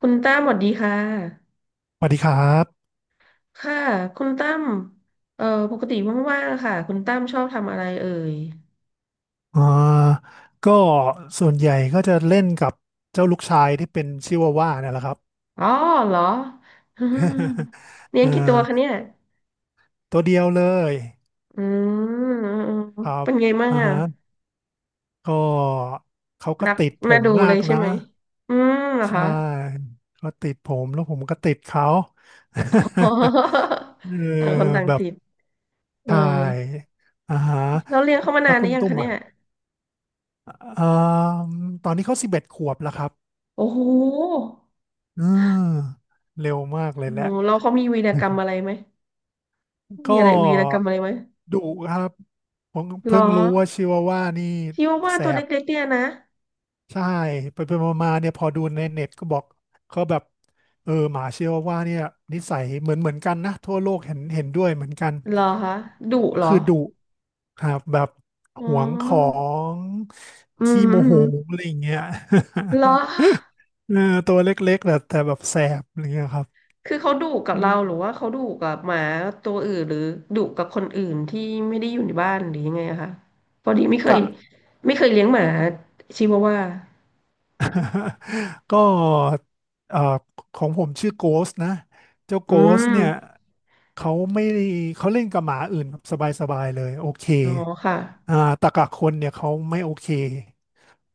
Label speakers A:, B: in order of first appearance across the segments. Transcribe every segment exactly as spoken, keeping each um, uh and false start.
A: คุณตั้มสวัสดีค่ะ
B: สวัสดีครับ
A: ค่ะ คุณตั้มเอ่อปกติว่างๆะค่ะคุณตั้มชอบทำอะไรเอ่ย
B: อ่าก็ส่วนใหญ่ก็จะเล่นกับเจ้าลูกชายที่เป็นชิวาว่าเนี่ยแหละครับ
A: อ๋อเหรออืม เลี้ยง
B: เอ่อ
A: กี่ตัวคะเนี่ย
B: ตัวเดียวเลย
A: อืม
B: ครับ
A: เป็นไงบ้าง
B: อ่า
A: อ่ะ
B: ฮะก็เขาก็
A: รัก
B: ติดผ
A: มา
B: ม
A: ดูเล
B: มา
A: ย
B: ก
A: ใช่
B: นะ
A: ไหมอืมเหรอ
B: ใช่
A: คะ
B: เขาติดผมแล้วผมก็ติดเขา
A: อ๋
B: เออ
A: อต่างคนต่าง
B: แบบ
A: ติดเออ
B: ถ่ายอ่าฮะ
A: เราเลี้ยงเขามา
B: แล้
A: นา
B: ว
A: นหรื
B: คุณ
A: อยัง
B: ตุ้ม
A: คะเนี่
B: อ่ะ
A: ย
B: อ่าตอนนี้เขาสิบเอ็ดขวบแล้วครับ
A: โอ้โห
B: อืมเร็วมากเลย
A: โอ้
B: แห
A: โห
B: ละ
A: เราเขามีวีรกรรมอะไรไหม
B: ก็
A: มีอะไรวีรกรรมอะไรไหม
B: ดุครับผม
A: เหรอ
B: เพิ่งรู้ว่าชิวาว่านี่
A: ชิวาว่า
B: แส
A: ตัว
B: บ
A: เล็กๆเนี่ยนะ
B: ใช่ไปไปมาๆเนี่ยพอดูในเน็ตก็บอกเขาแบบเออหมาชิวาว่าเนี่ยนิสัยเหมือนเหมือนกันนะทั่วโลกเห็นเห็นด้วยเหมือนกัน
A: เหรอคะดุ
B: ก็
A: เหรอ
B: คือดุครับแบบ
A: อ๋อ
B: หวงของ
A: อืม
B: ขี้
A: อื
B: โมโห
A: ม
B: อะไรอย่างเงี้ย
A: เหรอ
B: เออตัวเล็กๆแต่แต่แบบแสบอะไรเงี้ยครับ
A: คือเขาดุกับ
B: อื
A: เรา
B: ม
A: หรือว่าเขาดุกับหมาตัวอื่นหรือดุกับคนอื่นที่ไม่ได้อยู่ในบ้านหรือยังไงอะคะพอดีไม่เคย
B: ค่ะ
A: ไม่เคยเลี้ยงหมาชิวาว่า
B: ก็เอ่อของผมชื่อโกสนะเจ้าโก
A: อื
B: สเนี่ย
A: ม
B: เขาไม่ได้เขาเล่นกับหมาอื่นแบบสบายๆเลยโอเค
A: อ๋อค่ะ
B: อ่าแตกะคนเนี่ยเขาไม่โอเค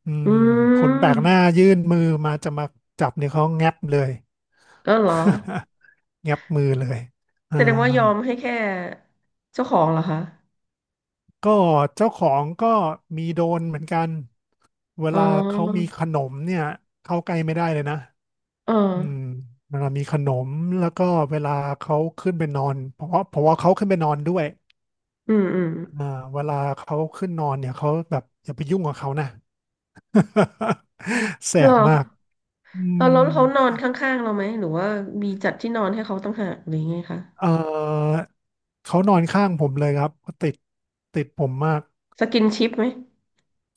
B: อื
A: อื
B: มคนแปลกหน้า
A: ม
B: ยื่นมือมาจะมาจับเนี่ยเขาแงับเลย
A: ก็เหรอ
B: แงับมือเลยอ่า
A: แสดงว่ายอมให้แค่เจ้าของเหรอคะ
B: ก็เจ้าของก็มีโดนเหมือนกันเว
A: อ๋
B: ลาเขามี
A: อ
B: ขนมเนี่ยเข้าใกล้ไม่ได้เลยนะ
A: เอ
B: อืม
A: อ
B: เวลามีขนมแล้วก็เวลาเขาขึ้นไปนอนเพราะว่าเพราะว่าเขาขึ้นไปนอนด้วย
A: อืมอืม
B: อ่าเวลาเขาขึ้นนอนเนี่ยเขาแบบอย่าไปยุ่งกับเขานะ แส
A: เหร
B: บ
A: อ
B: มากอื
A: เอา
B: ม
A: แล้วเขานอนข้างๆเราไหมหรือว่ามีจัดที่นอนให้เขาต่างหากหรือไงคะ
B: เออเขานอนข้างผมเลยครับเขาติดติดผมมาก
A: สกินชิปไหม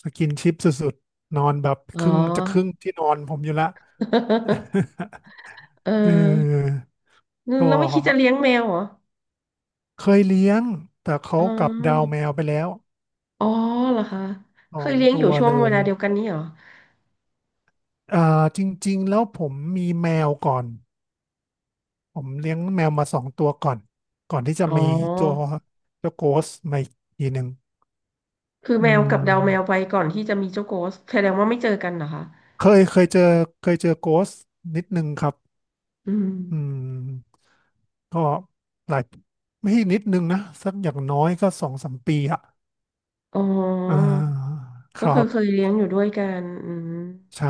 B: สกินชิปสุดๆนอนแบบ
A: อ๋
B: ค
A: อ
B: รึ่งจะครึ่งที่นอนผมอยู่ละ
A: เออ
B: เออก
A: เราไม่คิดจะเลี้ยง
B: ็
A: แมวเหรอ
B: เคยเลี้ยงแต่เขา
A: อ๋
B: กลับดาว
A: อ
B: แมวไปแล้ว
A: อ๋อเหรอคะ
B: ส
A: เค
B: อ
A: ย
B: ง
A: เลี้ยงอ
B: ตั
A: ยู่
B: ว
A: ช่วง
B: เล
A: เว
B: ย
A: ลาเดียวกันนี้เหรอ
B: เอ่อจริงๆแล้วผมมีแมวก่อน ผมเลี้ยงแมวมาสองตัวก่อน ก่อนที่จะ
A: อ๋อ
B: มีตัวตัวโกสมาอีกทีหนึ่ง
A: คือ
B: อื
A: แมว
B: ม
A: กับดาวแมวไปก่อนที่จะมีเจ้าโกสแสดงว่าไม่เจอกันเหรอคะ
B: เคยเคยเจอเคยเจอโกสนิดนึงครับ
A: อืม
B: อืมก็หลายไม่ใช่นิดนึงนะสักอย่างน้อยก็สองสามปีอะ
A: อ๋อ
B: อ่าค
A: ก็
B: รั
A: คือ
B: บ
A: เคยเลี้ยงอยู่ด้วยกันอืม
B: ใช่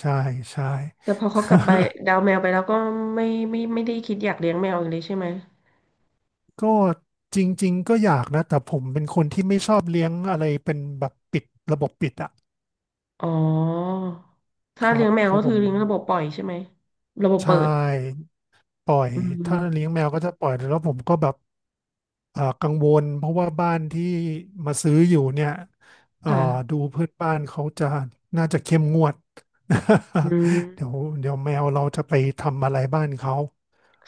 B: ใช่ใช่
A: แต่พอเขากลับไปดาวแมวไปแล้วก็ไม่ไม่ไม่ได้คิดอยากเลี้ยงแมวอีกเลยใช่ไหม
B: ก็จริงๆก็อยากนะแต่ผมเป็นคนที่ไม่ชอบเลี้ยงอะไรเป็นแบบปิดระบบปิดอะ
A: อ๋อ
B: ค
A: ถ้า
B: รั
A: เลี้ย
B: บ
A: งแมว
B: คือ
A: ก็
B: ผ
A: คือ
B: ม
A: เลี้ยงระบบปล่อยใช่ไหมระบบ
B: ใช่
A: เปิด
B: ปล่อย
A: อืม
B: ถ้าเลี้ยงแมวก็จะปล่อยแล้วผมก็แบบเอ่อกังวลเพราะว่าบ้านที่มาซื้ออยู่เนี่ยเอ่
A: ค
B: อดู
A: ่ะ
B: เพื่อนบ้านเขาจะน่าจะเข้มงวด
A: อืม
B: เดี๋ยวเดี๋ยวแมวเราจะไปทำอะไรบ้านเขา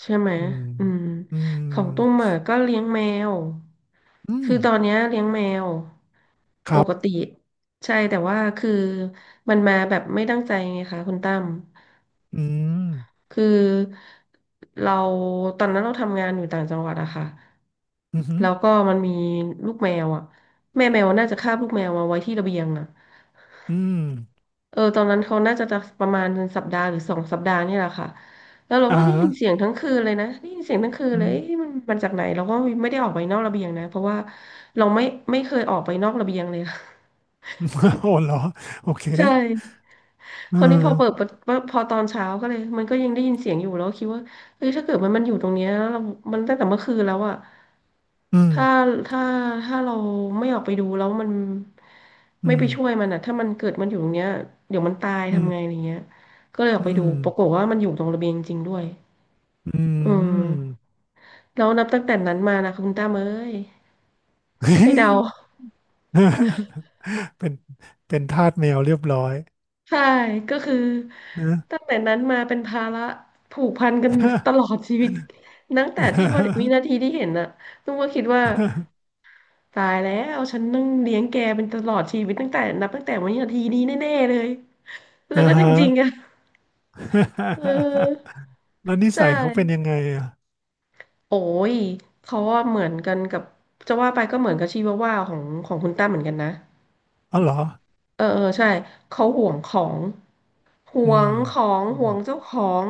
A: ใช่ไหม
B: อืม
A: อืม
B: อืม
A: ของตุ้มอ่ะก็เลี้ยงแมว
B: อื
A: คื
B: ม
A: อตอนเนี้ยเลี้ยงแมว
B: ค
A: ป
B: รั
A: กติ
B: บ
A: ใช่แต่ว่าคือมันมาแบบไม่ตั้งใจไงคะคุณตั้ม
B: อืม
A: คือเราตอนนั้นเราทำงานอยู่ต่างจังหวัดอะค่ะ
B: อืมอหือ
A: แล้วก็มันมีลูกแมวอะแม่แมวน่าจะคาบลูกแมวมาไว้ที่ระเบียงอะ
B: อืม
A: เออตอนนั้นเขาน่าจะจะประมาณสัปดาห์หรือสองสัปดาห์นี่แหละค่ะแล้วเรา
B: อ่า
A: ก็ได้ยิ
B: ฮะ
A: นเสียงทั้งคืนเลยนะได้ยินเสียงทั้งคืน
B: อื
A: เลย
B: ม
A: เอ๊ะมันมันจากไหนเราก็ไม่ได้ออกไปนอกระเบียงนะเพราะว่าเราไม่ไม่เคยออกไปนอกระเบียงเลย
B: โอ้เหรอโอเค
A: ใช่
B: อื
A: คราว
B: ม
A: นี้พอเปิดประพอตอนเช้าก็เลยมันก็ยังได้ยินเสียงอยู่แล้วคิดว่าเฮ้ยถ้าเกิดมันมันอยู่ตรงเนี้ยเรามันตั้งแต่เมื่อคืนแล้วอะ
B: อืม
A: ถ้าถ้าถ้าเราไม่ออกไปดูแล้วมัน
B: อื
A: ไม่ไป
B: ม
A: ช่วยมันอะถ้ามันเกิดมันอยู่ตรงเนี้ยเดี๋ยวมันตาย
B: อื
A: ทำไงอะ
B: ม
A: ไรเงี้ยก็เลยออ
B: อื
A: กไปดู
B: ม
A: ปรากฏว่ามันอยู่ตรงระเบียงจริงๆด้วย
B: อื
A: อื
B: ม
A: มแล้วนับตั้งแต่นั้นมานะคุณตามเอ้ยให้เดา
B: เป็นเป็นทาสแมวเรียบร้อย
A: ใช่ก็คือ
B: นะ
A: ตั้งแต่นั้นมาเป็นภาระผูกพันกันตลอดชีวิตตั้งแต่ที่วันวิ นาทีที่เห็นน่ะนุ้งก็คิดว่าตายแล้วฉันต้องเลี้ยงแกเป็นตลอดชีวิตตั้งแต่นับตั้งแต่วินาทีนี้แน่ๆเลยแล้ว
B: อ่า
A: ก็จ
B: ฮะ
A: ริง ๆอะเออ
B: แล้วนิ
A: ใช่
B: สัยเขาเป็นยังไงอ่ะ
A: โอ้ยเขาว่าเหมือนกันกับจะว่าไปก็เหมือนกับชีวาว่าของของคุณตั้มเหมือนกันนะ
B: อ๋อเหรอ
A: เออเออใช่เขาห่วงของ ห
B: อื
A: ว
B: ม
A: งของ
B: อื
A: ห่
B: ม
A: วงเจ้าของ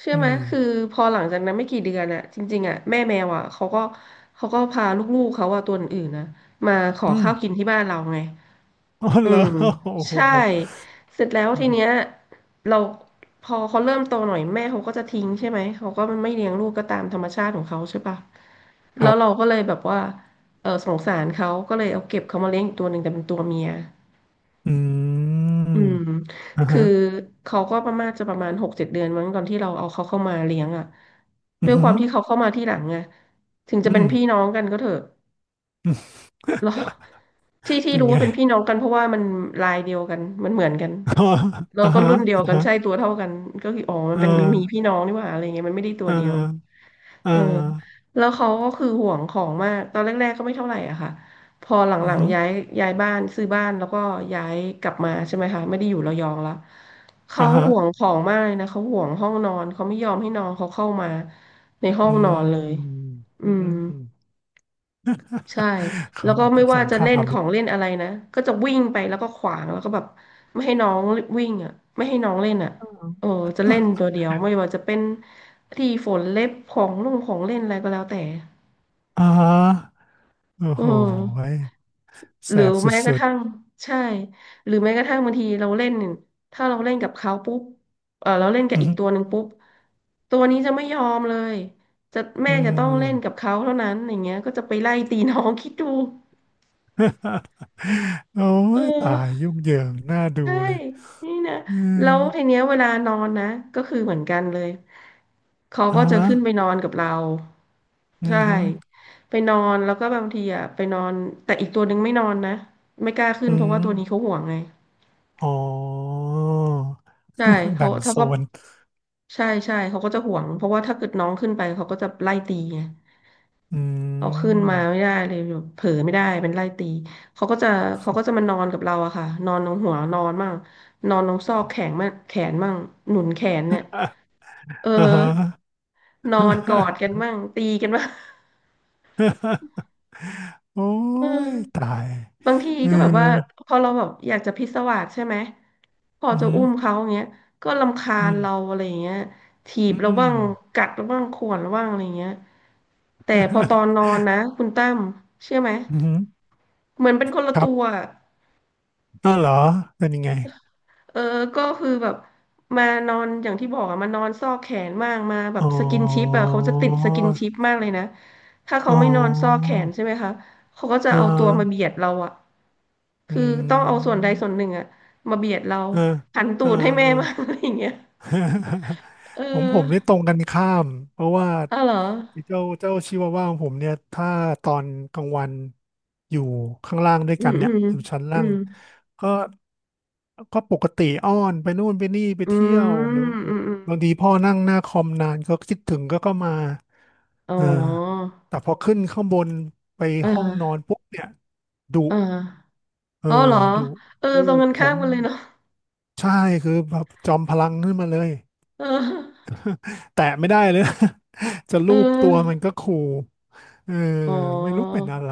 A: เชื่อไหมคือพอหลังจากนั้นไม่กี่เดือนอะจริงๆอะแม่แมวอะเขาก็เขาก็พาลูกๆเขาอะตัวอื่นๆนะมาขอ
B: อืม
A: ข้าวกินที่บ้านเราไง
B: อ๋อ
A: อื
B: เหรอ
A: ม
B: โอ้โ
A: ใช่
B: ห
A: เสร็จแล้วทีเนี้ยเราพอเขาเริ่มโตหน่อยแม่เขาก็จะทิ้งใช่ไหมเขาก็ไม่เลี้ยงลูกก็ตามธรรมชาติของเขาใช่ปะ
B: ค
A: แล้
B: รั
A: วเรา
B: บ
A: ก็เลยแบบว่าเออสงสารเขาก็เลยเอาเก็บเขามาเลี้ยงอีกตัวหนึ่งแต่เป็นตัวเมีย
B: อืม
A: อืม
B: อ่า
A: คือ
B: ฮะ
A: เขาก็ประมาณจะประมาณหกเจ็ดเดือนมั้งตอนที่เราเอาเขาเข้ามาเลี้ยงอ่ะ
B: อืม
A: ด้
B: อ
A: วย
B: หื
A: ค
B: อ
A: วามที่เขาเข้ามาที่หลังไงถึงจะ
B: อื
A: เป็น
B: ม
A: พี่น้องกันก็เถอะ เราที่ที่
B: เป็น
A: รู้
B: ไง
A: ว่าเป็นพี่ น้องกันเพราะว่ามันลายเดียวกันมันเหมือนกัน
B: อ๋อ
A: แล้ว
B: อ่า
A: ก็
B: ฮะ
A: รุ่นเดียว
B: อ่า
A: กัน
B: ฮะ
A: ใช่ตัวเท่ากันก็คืออ๋อมัน
B: อ่
A: เป็นมีมีพี่
B: า
A: น้องนี่หว่าอะไรเงี้ยมันไม่ได้ตั
B: อ่
A: วเดียว
B: าอ่
A: เออ
B: า
A: แล้วเขาก็คือห่วงของมากตอนแรกๆก็ไม่เท่าไหร่อะค่ะพอห
B: อืมอ
A: ลัง
B: หือ
A: ๆย้ายย้ายบ้านซื้อบ้านแล้วก็ย้ายกลับมาใช่ไหมคะไม่ได้อยู่ระยองละเขา
B: อ่าฮะ
A: ห่วงของมากเลยนะเขาห่วงห้องนอนเขาไม่ยอมให้น้องเขาเข้ามาในห้อง
B: อื
A: นอนเลย
B: ม
A: อื
B: อื
A: ม
B: ม
A: ใช่
B: ค
A: แล้
B: รั
A: ว
B: บ
A: ก็
B: เป็
A: ไม่
B: นส
A: ว่า
B: ง
A: จะ
B: ครา
A: เล่น
B: ม
A: ขอ
B: นี่
A: งเล่นอะไรนะก็จะวิ่งไปแล้วก็ขวางแล้วก็แบบไม่ให้น้องวิ่งอ่ะไม่ให้น้องเล่นอ่ะเออจะ เล่น
B: อ
A: ตัวเดียวไม่ว่าจะเป็นที่ฝนเล็บของลุงของเล่นอะไรก็แล้วแต่
B: อ่าโอ้
A: เอ
B: โห
A: อ
B: ย
A: ห
B: แส
A: รือ
B: บส
A: แม้กระ
B: ุด
A: ทั่งใช่หรือแม้กระทั่งบางทีเราเล่นถ้าเราเล่นกับเขาปุ๊บเออเราเล่นกั
B: ๆ
A: บ
B: อื
A: อีก
B: ม
A: ตัวหนึ่งปุ๊บตัวนี้จะไม่ยอมเลยจะ
B: อื
A: แม่จะต้องเล่นกับ
B: ม
A: เขาเท่านั้นอย่างเงี้ยก็จะไปไล่ตีน้อง คิดดู
B: โอ้
A: เอ
B: ยตา
A: อ
B: ยยุ่งเหยิงน่าดู
A: ใช่
B: เลย
A: นี่นะ
B: อืม
A: แล้วทีเนี้ยเวลานอนนะก็คือเหมือนกันเลยเขา
B: อ่า
A: ก็จะขึ้นไปนอนกับเรา
B: อื
A: ใช่
B: มฮึ
A: ไปนอนแล้วก็บางทีอ่ะไปนอนแต่อีกตัวหนึ่งไม่นอนนะไม่กล้าขึ้น
B: อื
A: เพราะว่า
B: ม
A: ตัวนี้เขาห่วงไง
B: อ๋อ
A: ใช่ เขา
B: แบ่ง
A: ถ้า
B: โซ
A: เขา
B: น
A: ใช่ใช่เขาก็จะห่วงเพราะว่าถ้าเกิดน้องขึ้นไปเขาก็จะไล่ตีไง
B: อื
A: เอาขึ้น
B: ม
A: มาไม่ได้เลยแบบเผลอไม่ได้เป็นไล่ตีเขาก็จะเขาก็จะมานอนกับเราอะค่ะนอนตรงหัวนอนมั่งนอนตรงซอกแขนมั่งแขนมั่งหนุนแขนเนี่ย เอ
B: อ่าฮะ
A: อ นอนกอดกัน บ้างตีกันบ้าง
B: โอ้
A: เอ
B: ยตา
A: อ
B: ย
A: บางที
B: เออ
A: ก็แบบว่า พอเราแบบอยากจะพิศวาสใช่ไหม พอ
B: อื
A: จะ
B: ม
A: อุ้มเขาอย่างเงี้ยก็รำคา
B: อื
A: ญ
B: ม
A: เราอะไรอย่างเงี้ยถี
B: อื
A: บเรา
B: ม
A: บ้าง กัดเราบ้างข่วนเราบ้างอะไรอย่างเงี้ยแต่พอตอนน อนนะคุณตั้มเชื่อไหม
B: อืม
A: เหมือนเป็นคนละ
B: ครั
A: ตัว
B: บอัวเหรอเป็นยังไง
A: เออก็คือแบบมานอนอย่างที่บอกอะมานอนซอกแขนมากมาแบบ
B: อ๋อ
A: สกินชิปอะเขาจะติดสกินชิปมากเลยนะถ้าเขา
B: อ๋
A: ไม่นอนซอกแข
B: อ
A: นใช่ไหมคะเขาก็จะ
B: เอ
A: เอาตัวมาเบี
B: อ
A: ยดเราอะ
B: อื
A: คือต้องเอาส่วนใด
B: ม
A: ส่วนหนึ่งอะมาเบียดเรา
B: เออ
A: หัน
B: เอ
A: ตู
B: อ
A: ดให้
B: เอ
A: แม่
B: อ
A: มางอะไรอย่างเงี้ยเอ
B: ของผ
A: อ
B: มนี่ตรงกันข้ามเพราะว่า
A: อ้าวเหรอ
B: เจ้าเจ้าชิวาว่าของผมเนี่ยถ้าตอนกลางวันอยู่ข้างล่างด้วย
A: อื
B: กั
A: ม
B: น
A: อื
B: เนี่ย
A: ม
B: อยู่ชั้น
A: อื
B: ล่าง
A: ม
B: ก็ก็ปกติอ้อนไปนู่นไปนี่ไป
A: อื
B: เที่ยวหรือ
A: มอืมอืม
B: บางทีพ่อนั่งหน้าคอมนานก็คิดถึงก็ก็มา
A: อ๋อ
B: อ่าแต่พอขึ้นข้างบนไป
A: อ่
B: ห้องนอ
A: า
B: นปุ๊บเนี่ยดุ
A: อ่า
B: เอ
A: อ๋อเหร
B: อ
A: อ
B: ดุ
A: เออต
B: ลู
A: รง
B: ก
A: กัน
B: ผ
A: ข้าม
B: ม
A: กันเลยเนาะ
B: ใช่คือแบบจอมพลังขึ้นมาเลย
A: เออ
B: แตะไม่ได้เลย จะ
A: เ
B: รูปตัวมัน
A: ออ
B: ก็ขู่เออ
A: อ๋
B: ไม่รู้เป็นอะ
A: อ
B: ไร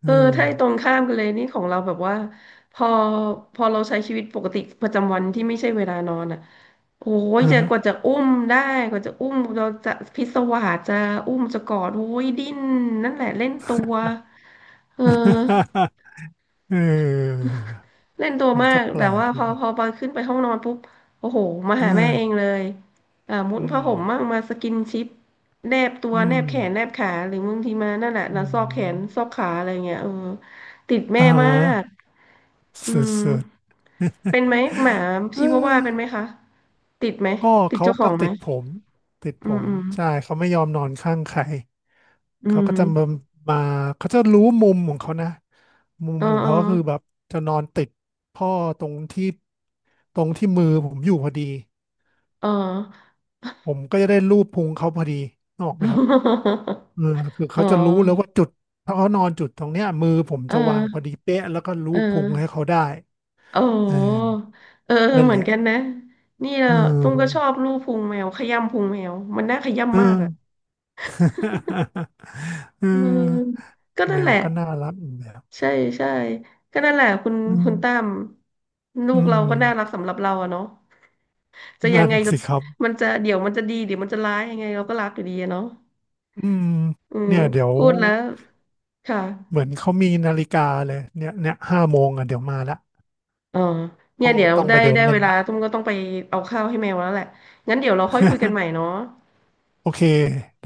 B: เอ
A: เอ
B: อ
A: อถ้าไอ้ตรงข้ามกันเลยนี่ของเราแบบว่าพอพอเราใช้ชีวิตปกติประจำวันที่ไม่ใช่เวลานอนอ่ะโอ้ย
B: อ่า
A: จะ
B: ฮะ
A: กว่าจะอุ้มได้กว่าจะอุ้มเราจะพิศวาสจะอุ้มจะกอดโอ้ยดิ้นนั่นแหละเล่นตัวเออ
B: เออ
A: เล่นตัว
B: มัน
A: มา
B: ก็
A: ก
B: แป
A: แต่
B: ลก
A: ว่าพ
B: ดี
A: อ
B: นะ
A: พอไปขึ้นไปห้องนอนปุ๊บโอ้โหมา
B: เอ
A: หาแม่เอง
B: อ
A: เลยอ่ามุด
B: อื
A: ผ้า
B: ม
A: ห่มมั่งมาสกินชิปแนบตัว
B: อื
A: แนบ
B: ม
A: แขนแนบขาหรือบางทีมานั่นแหละ
B: อื
A: นะซอกแขนซ
B: ม
A: อกขาอะไรเงี้ยเออติดแม่
B: อ่าฮะ
A: มากอืม
B: สุด
A: เป็นไหมหมา
B: ๆเ
A: ชิวาว่าเป็นไหม
B: ออ
A: คะติดไหม
B: ก็
A: ติด
B: เขา
A: เจ้าข
B: ก็
A: องไหม
B: ติดผม ติด
A: อื
B: ผ
A: ม
B: ม
A: อืม
B: ใช่เขาไม่ยอมนอนข้างใคร
A: อื
B: เขาก็จะมา
A: ม
B: มาเขาจะรู้มุมของเขานะมุ
A: เอ
B: ม
A: อ
B: ของ
A: เออ
B: เขาก็คือแบบจะนอนติดพ่อตรงที่ตรงที่มือผมอยู่พอดี
A: เออ
B: ผมก็จะได้ลูบพุงเขาพอดีนกออกไหมครับ เออคือ
A: อ๋
B: เขา
A: อ
B: จะรู้แล้วว่าจุดถ้าเขานอนจุดตรงเนี้ยมือผม
A: เอ
B: จะวาง
A: อ
B: พอดีเป๊ะแล้วก็ลู
A: เออ
B: บพุงให้เขาได้
A: โอ้
B: เออ
A: เออเออ
B: นั่น
A: เหมื
B: แห
A: อน
B: ละ
A: กันนะนี่เรา
B: อื
A: ตุ้มก็ชอบ
B: ม
A: ลูบพุงแมวขย้ำพุงแมวมันน่าข
B: เอื
A: ย้ำมากอ่ะ
B: อ
A: เออ ก็
B: อ
A: นั่
B: แม
A: นแห
B: ว
A: ละ
B: ก็น่ารักอีกแบบ
A: ใช่ใช่ก็นั่นแหละคุณ
B: อืม
A: คุณตั้มลู
B: อื
A: กเรา
B: ม
A: ก็น่ารักสำหรับเราอะเนาะจะยัง
B: นั่น
A: ไงจะ
B: สิครับ
A: มันจะเดี๋ยวมันจะดีเดี๋ยวมันจะร้ายยังไงเราก็รักอยู่ดีอะเนาะ
B: อืม
A: อืม
B: เนี่ยเดี๋ยว
A: พูดแล้วค่ะ
B: เหมือนเขามีนาฬิกาเลยเนี่ยเนี่ยห้าโมงอ่ะเดี๋ยวมาละ
A: อ๋อเนี่
B: ต้อ
A: ย
B: ง
A: เดี๋ยว
B: ต้อง
A: ได้
B: ไปเดิน
A: ได้
B: เล่
A: เว
B: น
A: ลา
B: ละ
A: ตุ้มก็ต้องไปเอาข้าวให้แมวแล้วแหละงั้นเดี๋ยวเราค่อยคุยกันใหม่เนาะ
B: โอเคไ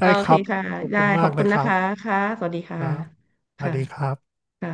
A: โอ
B: ด้ค
A: เค
B: รับ
A: ค่ะ
B: ขอบ
A: ได้
B: คุณ
A: ข
B: มา
A: อบ
B: กเล
A: คุณ
B: ยค
A: นะ
B: รั
A: คะ
B: บ
A: ค่ะสวัสดี
B: ค
A: ค่ะ
B: รับสวัส
A: ค่ะ
B: ดีครับ
A: ค่ะ